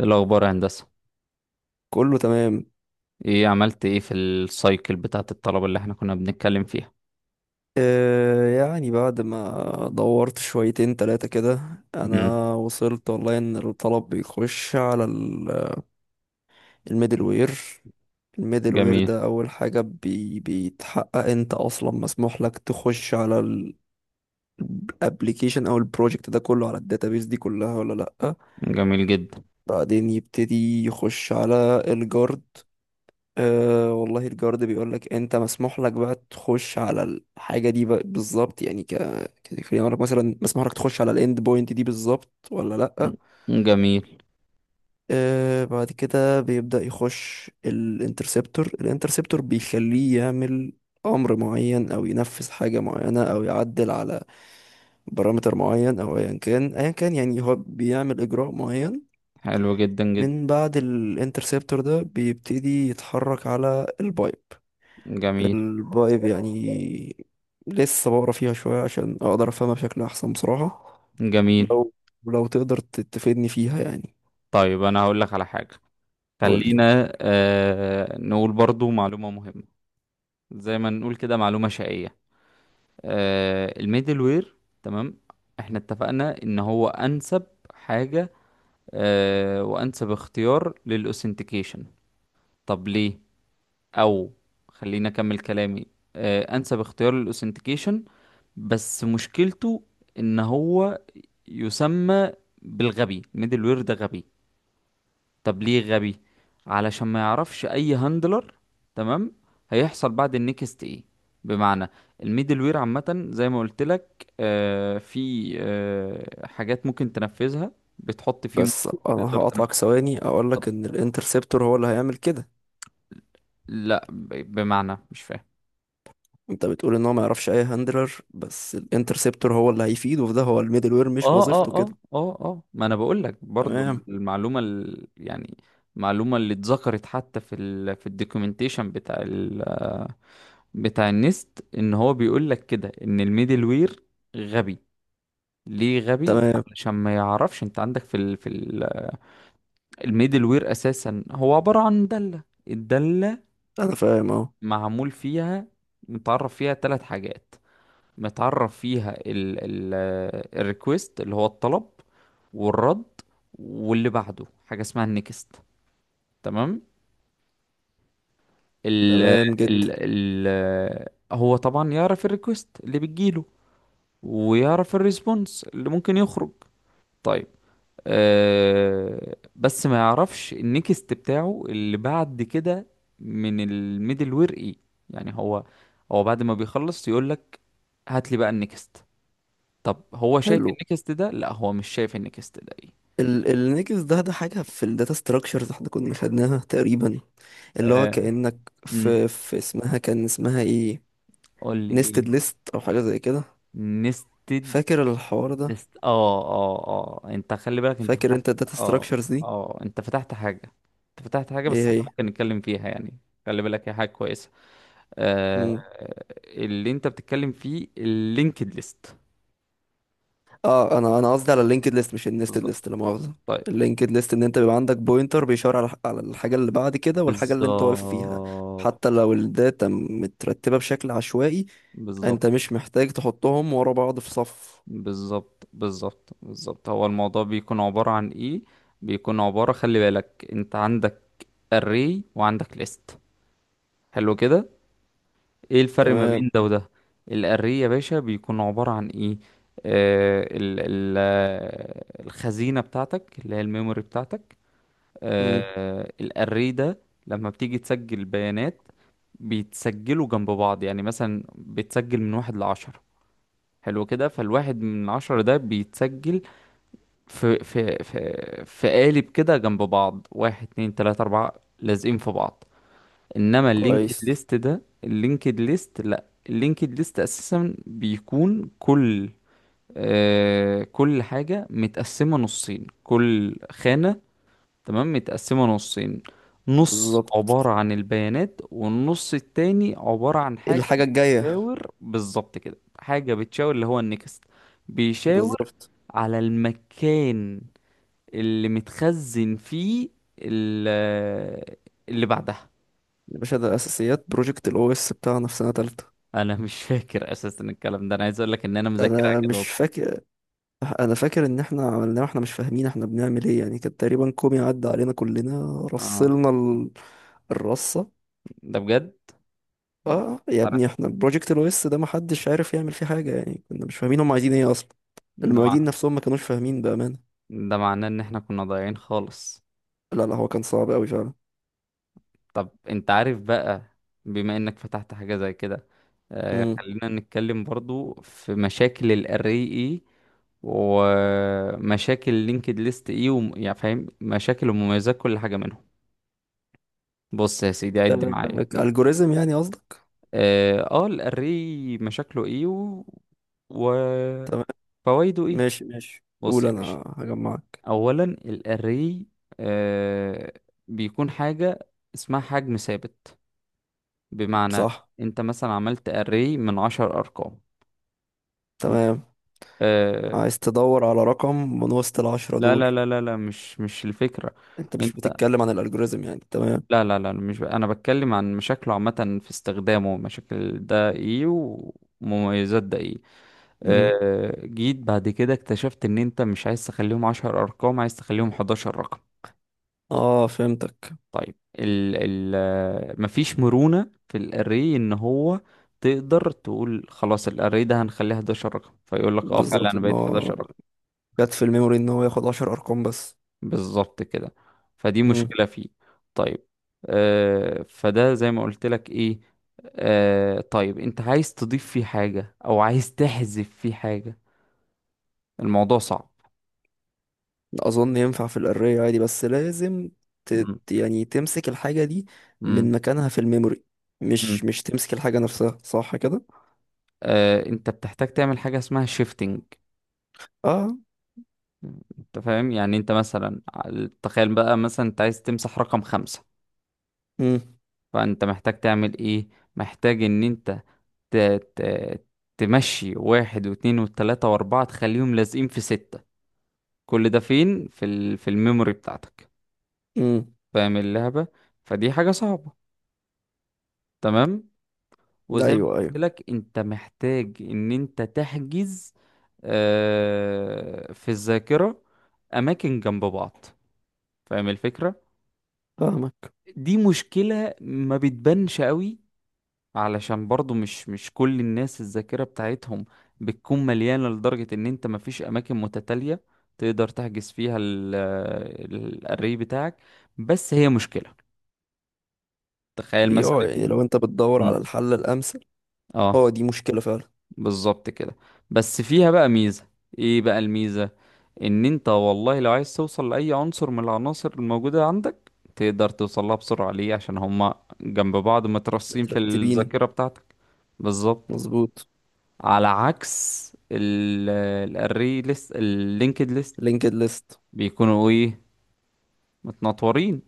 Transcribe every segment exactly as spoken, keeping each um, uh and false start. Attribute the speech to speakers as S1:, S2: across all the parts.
S1: إيه الأخبار يا هندسة؟
S2: كله تمام.
S1: إيه عملت إيه في السايكل بتاعة الطلبة اللي إحنا كنا بنتكلم فيها؟
S2: آه يعني بعد ما دورت شويتين تلاتة كده،
S1: مم.
S2: انا وصلت والله ان الطلب بيخش على ال- الميدل وير. الميدل وير
S1: جميل.
S2: ده اول حاجة بي بيتحقق انت اصلا مسموح لك تخش على الابليكيشن او البروجكت ده كله على الداتابيس دي كلها ولا لا.
S1: جميل جدا.
S2: بعدين يبتدي يخش على الجارد. أه والله الجارد بيقول لك انت مسموح لك بقى تخش على الحاجه دي بقى بالظبط، يعني ك كخلينا لك مثلا مسموح لك تخش على الاند بوينت دي بالظبط ولا لا.
S1: جميل.
S2: أه بعد كده بيبدا يخش الانترسبتور. الانترسبتور بيخليه يعمل امر معين او ينفذ حاجه معينه او يعدل على بارامتر معين او ايا كان. ايا كان يعني هو بيعمل اجراء معين.
S1: حلو جدا جدا.
S2: من بعد الانترسبتور ده بيبتدي يتحرك على البايب،
S1: جميل.
S2: الفايب يعني. لسه بقرا فيها شوية عشان أقدر أفهمها بشكل أحسن بصراحة.
S1: جميل.
S2: لو لو تقدر ت- تفيدني فيها يعني.
S1: طيب، أنا هقول لك على حاجة.
S2: قولي.
S1: خلينا آه نقول برضو معلومة مهمة. زي ما نقول كده، معلومة شقية. آه الميدل وير، تمام. إحنا اتفقنا إن هو أنسب حاجة، آه وأنسب اختيار للأوثنتيكيشن. طب ليه؟ او خليني اكمل كلامي. آه، انسب اختيار للاوثنتيكيشن، بس مشكلته ان هو يسمى بالغبي. الميدل وير ده غبي. طب ليه غبي؟ علشان ما يعرفش اي هاندلر. تمام. هيحصل بعد النكست ايه؟ بمعنى، الميدل وير عامة زي ما قلت لك، آه، في آه، حاجات ممكن تنفذها. بتحط فيه ممكن
S2: بس أنا
S1: تقدر
S2: هقطعك
S1: تنفذها.
S2: ثواني أقولك إن الانترسبتور هو اللي هيعمل كده.
S1: لا، ب- بمعنى مش فاهم.
S2: أنت بتقول إن هو ما يعرفش أي هاندلر، بس الانترسبتور هو اللي هيفيده في ده، هو الميدل وير مش
S1: اه
S2: وظيفته
S1: اه اه
S2: كده؟
S1: اه اه، ما انا بقول لك برضو.
S2: تمام.
S1: المعلومه ال... يعني المعلومه اللي اتذكرت حتى في ال... في الدوكيومنتيشن بتاع ال... بتاع النست، ان هو بيقول لك كده ان الميدل وير غبي. ليه غبي؟
S2: تمام،
S1: علشان ما يعرفش. انت عندك في ال... في ال... الميدل وير اساسا هو عباره عن داله. الداله
S2: أنا فاهم أهو.
S1: معمول فيها، متعرف فيها ثلاث حاجات. متعرف فيها ال ال الريكوست اللي هو الطلب، والرد، واللي بعده حاجة اسمها النكست. تمام. ال
S2: تمام جدا.
S1: ال ال هو طبعا يعرف الريكوست اللي بتجيله، ويعرف الريسبونس اللي ممكن يخرج. طيب، أه بس ما يعرفش النكست بتاعه اللي بعد كده من الميدل وير ايه. يعني هو هو بعد ما بيخلص يقول لك هات لي بقى النكست. طب هو شايف
S2: حلو.
S1: النكست ده؟ لا، هو مش شايف النكست ده ايه.
S2: ال النكس ده ده حاجة في الداتا ستراكشرز احنا كنا خدناها تقريبا، اللي هو
S1: آه.
S2: كأنك
S1: امم
S2: في في اسمها، كان اسمها ايه؟
S1: قول لي
S2: نيستد
S1: ايه.
S2: ليست او حاجة زي كده.
S1: نستد.
S2: فاكر الحوار ده؟
S1: نست. اه اه اه، انت خلي بالك انت
S2: فاكر
S1: فتحت.
S2: انت الداتا
S1: اه.
S2: ستراكشرز دي؟
S1: اه، انت فتحت حاجة. انت فتحت حاجة بس
S2: ايه
S1: احنا
S2: هي؟
S1: ممكن نتكلم فيها يعني. خلي بالك هي حاجة كويسة. آه.
S2: مم.
S1: اللي انت بتتكلم فيه اللينكد ليست.
S2: اه انا انا قصدي على اللينكد ليست مش النيستد
S1: بالظبط.
S2: ليست، لا مؤاخذة.
S1: طيب.
S2: اللينكد ليست ان انت بيبقى عندك بوينتر بيشاور على على الحاجة اللي بعد كده والحاجة اللي انت واقف فيها.
S1: بالظبط،
S2: حتى لو الداتا مترتبة بشكل عشوائي،
S1: بالظبط،
S2: انت مش محتاج تحطهم ورا بعض في صف.
S1: بالظبط، بالظبط، بالظبط، هو الموضوع بيكون عبارة عن ايه؟ بيكون عبارة، خلي بالك انت عندك array وعندك list. حلو كده. ايه الفرق ما
S2: تمام.
S1: بين ده وده؟ الarray يا باشا بيكون عبارة عن ايه؟ آه ال ال آه، الخزينة بتاعتك اللي هي الميموري بتاعتك.
S2: مم.
S1: آه، الarray ده لما بتيجي تسجل بيانات، بيتسجلوا جنب بعض. يعني مثلا بتسجل من واحد لعشرة. حلو كده. فالواحد من عشرة ده بيتسجل في في في في قالب كده جنب بعض، واحد اتنين تلاتة أربعة، لازقين في بعض. إنما اللينكد
S2: كويس.
S1: ليست ده، اللينكد ليست، لأ، اللينكد ليست أساسا بيكون كل، آه كل حاجة متقسمة نصين. كل خانة، تمام، متقسمة نصين. نص
S2: بالظبط،
S1: عبارة عن البيانات، والنص التاني عبارة عن حاجة
S2: الحاجة الجاية.
S1: بتشاور، بالظبط كده، حاجة بتشاور اللي هو النكست. بيشاور
S2: بالظبط.
S1: على المكان اللي متخزن فيه، ال- اللي بعدها.
S2: يا باشا ده اساسيات بروجكت الاو اس بتاعنا في سنه تالتة.
S1: انا مش فاكر اساسا الكلام ده. انا عايز اقول لك ان انا مذاكرها
S2: انا
S1: كده
S2: مش
S1: اصلا.
S2: فاكر. انا فاكر ان احنا عملناه واحنا مش فاهمين احنا بنعمل ايه، يعني كان تقريبا كومي عدى علينا كلنا،
S1: اه،
S2: رصلنا ال... الرصه.
S1: ده بجد.
S2: اه يا ابني
S1: عارف.
S2: احنا بروجكت الاو اس ده محدش عارف يعمل فيه حاجه، يعني كنا مش فاهمين هم عايزين ايه اصلا.
S1: ده مع...
S2: المعيدين نفسهم ما كانوش فاهمين بامانه.
S1: ده معناه ان احنا كنا ضايعين خالص.
S2: لا لا هو كان صعب قوي فعلا.
S1: طب انت عارف بقى، بما انك فتحت حاجة زي كده، آه
S2: امم،
S1: خلينا نتكلم برضو في مشاكل الاري اي، ومشاكل لينكد ليست ايه، وم... يعني فاهم مشاكل ومميزات كل حاجة منهم. بص يا سيدي، عد معايا.
S2: الجوريزم يعني قصدك؟
S1: اه، آه، الاري مشاكله ايه و...
S2: تمام.
S1: وفوائده ايه.
S2: ماشي ماشي
S1: بص
S2: قول،
S1: يا باشا،
S2: انا هجمعك.
S1: اولا الاري، آه، بيكون حاجه اسمها حجم ثابت. بمعنى،
S2: صح.
S1: انت مثلا عملت اري من عشر ارقام.
S2: تمام،
S1: آه.
S2: عايز تدور على رقم من وسط العشرة
S1: لا
S2: دول.
S1: لا لا لا لا، مش مش الفكره.
S2: انت مش
S1: انت،
S2: بتتكلم عن الالجوريزم يعني؟ تمام.
S1: لا لا لا، مش ب... انا بتكلم عن مشاكله عامه في استخدامه. مشاكل ده ايه ومميزات ده ايه.
S2: مم.
S1: آه، جيت بعد كده اكتشفت ان انت مش عايز تخليهم عشر ارقام، عايز تخليهم حداشر رقم.
S2: اه فهمتك.
S1: طيب ال ال آه، مفيش مرونة في الاري. ان هو تقدر تقول خلاص الاري ده هنخليه حداشر رقم، فيقول لك اه، فعلا
S2: بالظبط،
S1: انا
S2: ان
S1: بقيت
S2: هو
S1: حداشر رقم.
S2: جت في الميموري ان هو ياخد عشر ارقام بس.
S1: بالظبط كده. فدي
S2: مم.
S1: مشكلة فيه. طيب، آه، فده زي ما قلت لك ايه. آه، طيب، انت عايز تضيف فيه حاجة او عايز تحذف فيه حاجة، الموضوع صعب.
S2: اظن ينفع في الاري عادي بس لازم ت...
S1: مم.
S2: يعني تمسك الحاجة دي من
S1: مم.
S2: مكانها في الميموري، مش
S1: مم.
S2: مش تمسك الحاجة نفسها، صح كده؟
S1: آه، انت بتحتاج تعمل حاجة اسمها شيفتنج.
S2: اه.
S1: انت فاهم يعني. انت مثلا ع- تخيل بقى مثلا انت عايز تمسح رقم خمسة،
S2: مم.
S1: فانت محتاج تعمل ايه؟ محتاج ان انت ت... ت... تمشي واحد واتنين والتلاتة واربعة، تخليهم لازقين في ستة. كل ده فين؟ في ال... في الميموري بتاعتك.
S2: مم.
S1: فاهم اللعبة؟ فدي حاجة صعبة، تمام. وزي ما
S2: ايوه
S1: قلت
S2: ايوه.
S1: لك، انت محتاج ان انت تحجز، آه، في الذاكرة، اماكن جنب بعض. فاهم الفكرة؟
S2: فاهمك.
S1: دي مشكلة ما بتبانش قوي، علشان برضو مش مش كل الناس الذاكرة بتاعتهم بتكون مليانة لدرجة ان انت مفيش اماكن متتالية تقدر تحجز فيها ال- ال- الاري بتاعك. بس هي مشكلة. تخيل
S2: هي اه،
S1: مثلا.
S2: يعني لو انت بتدور على
S1: مم.
S2: الحل الامثل.
S1: اه،
S2: اه دي مشكلة فعلا.
S1: بالظبط كده. بس فيها بقى ميزة. ايه بقى الميزة؟ ان انت، والله لو عايز توصل لأي عنصر من العناصر الموجودة عندك، تقدر توصلها بسرعة. ليه؟ عشان هما جنب بعض مترصين في
S2: مترتبين.
S1: الذاكرة بتاعتك. بالظبط.
S2: مظبوط.
S1: على عكس ال- الاري ليست، اللينكد ليست،
S2: لينكد ليست.
S1: بيكونوا ايه؟ متنطورين،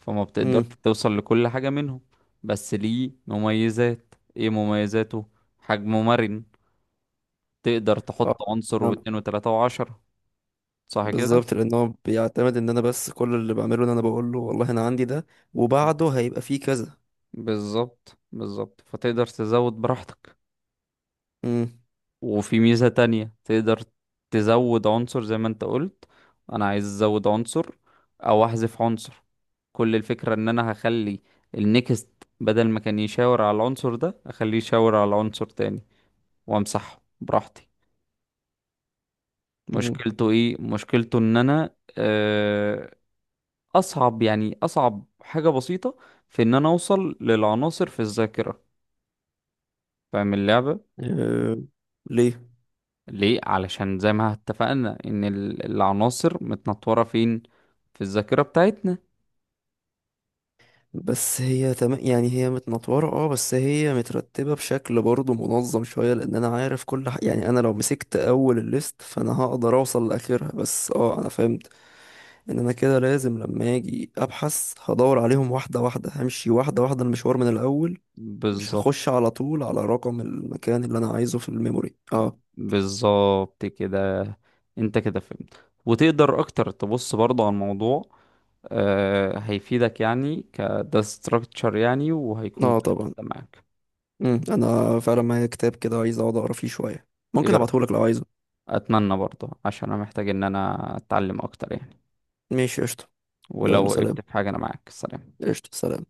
S1: فما بتقدرش
S2: امم.
S1: توصل لكل حاجة منهم. بس ليه مميزات؟ ايه مميزاته؟ حجمه مرن. تقدر تحط
S2: اه.
S1: عنصر
S2: نعم.
S1: واتنين وتلاتة وعشرة. صح كده؟
S2: بالظبط، لان هو بيعتمد ان انا، بس كل اللي بعمله ان انا بقول له والله انا عندي ده وبعده هيبقى فيه كذا.
S1: بالظبط، بالظبط، فتقدر تزود براحتك.
S2: امم.
S1: وفي ميزة تانية، تقدر تزود عنصر زي ما انت قلت. انا عايز ازود عنصر او احذف عنصر، كل الفكرة ان انا هخلي النكست بدل ما كان يشاور على العنصر ده، اخليه يشاور على عنصر تاني، وامسحه براحتي.
S2: امم.
S1: مشكلته ايه؟ مشكلته ان انا، آه، اصعب، يعني اصعب حاجة بسيطة، في ان انا اوصل للعناصر في الذاكرة. فاهم اللعبة؟
S2: أه. ليه؟
S1: ليه؟ علشان زي ما اتفقنا ان ال- العناصر متنطوره فين؟ في الذاكره بتاعتنا.
S2: بس هي تم... يعني هي متنطوره اه، بس هي مترتبه بشكل برضه منظم شويه، لان انا عارف كل ح... يعني انا لو مسكت اول الليست فانا هقدر اوصل لاخرها. بس اه انا فهمت ان انا كده لازم لما اجي ابحث هدور عليهم واحده واحده، همشي واحده واحده المشوار من الاول. مش
S1: بالظبط.
S2: هخش على طول على رقم المكان اللي انا عايزه في الميموري. اه.
S1: بالظبط كده، انت كده فهمت، وتقدر اكتر تبص برضه على الموضوع. آه، هيفيدك يعني كده ستراكتشر يعني، وهيكون
S2: اه
S1: كده
S2: طبعا.
S1: معاك.
S2: مم. انا فعلا معايا كتاب كده عايز اقعد اقرا فيه شويه. ممكن
S1: ايه رأيك؟
S2: ابعتهولك لو عايزه.
S1: اتمنى برضه عشان انا محتاج ان انا اتعلم اكتر يعني.
S2: ماشي قشطه.
S1: ولو
S2: يلا سلام.
S1: وقفت في حاجه انا معاك. سلام.
S2: قشطه سلام.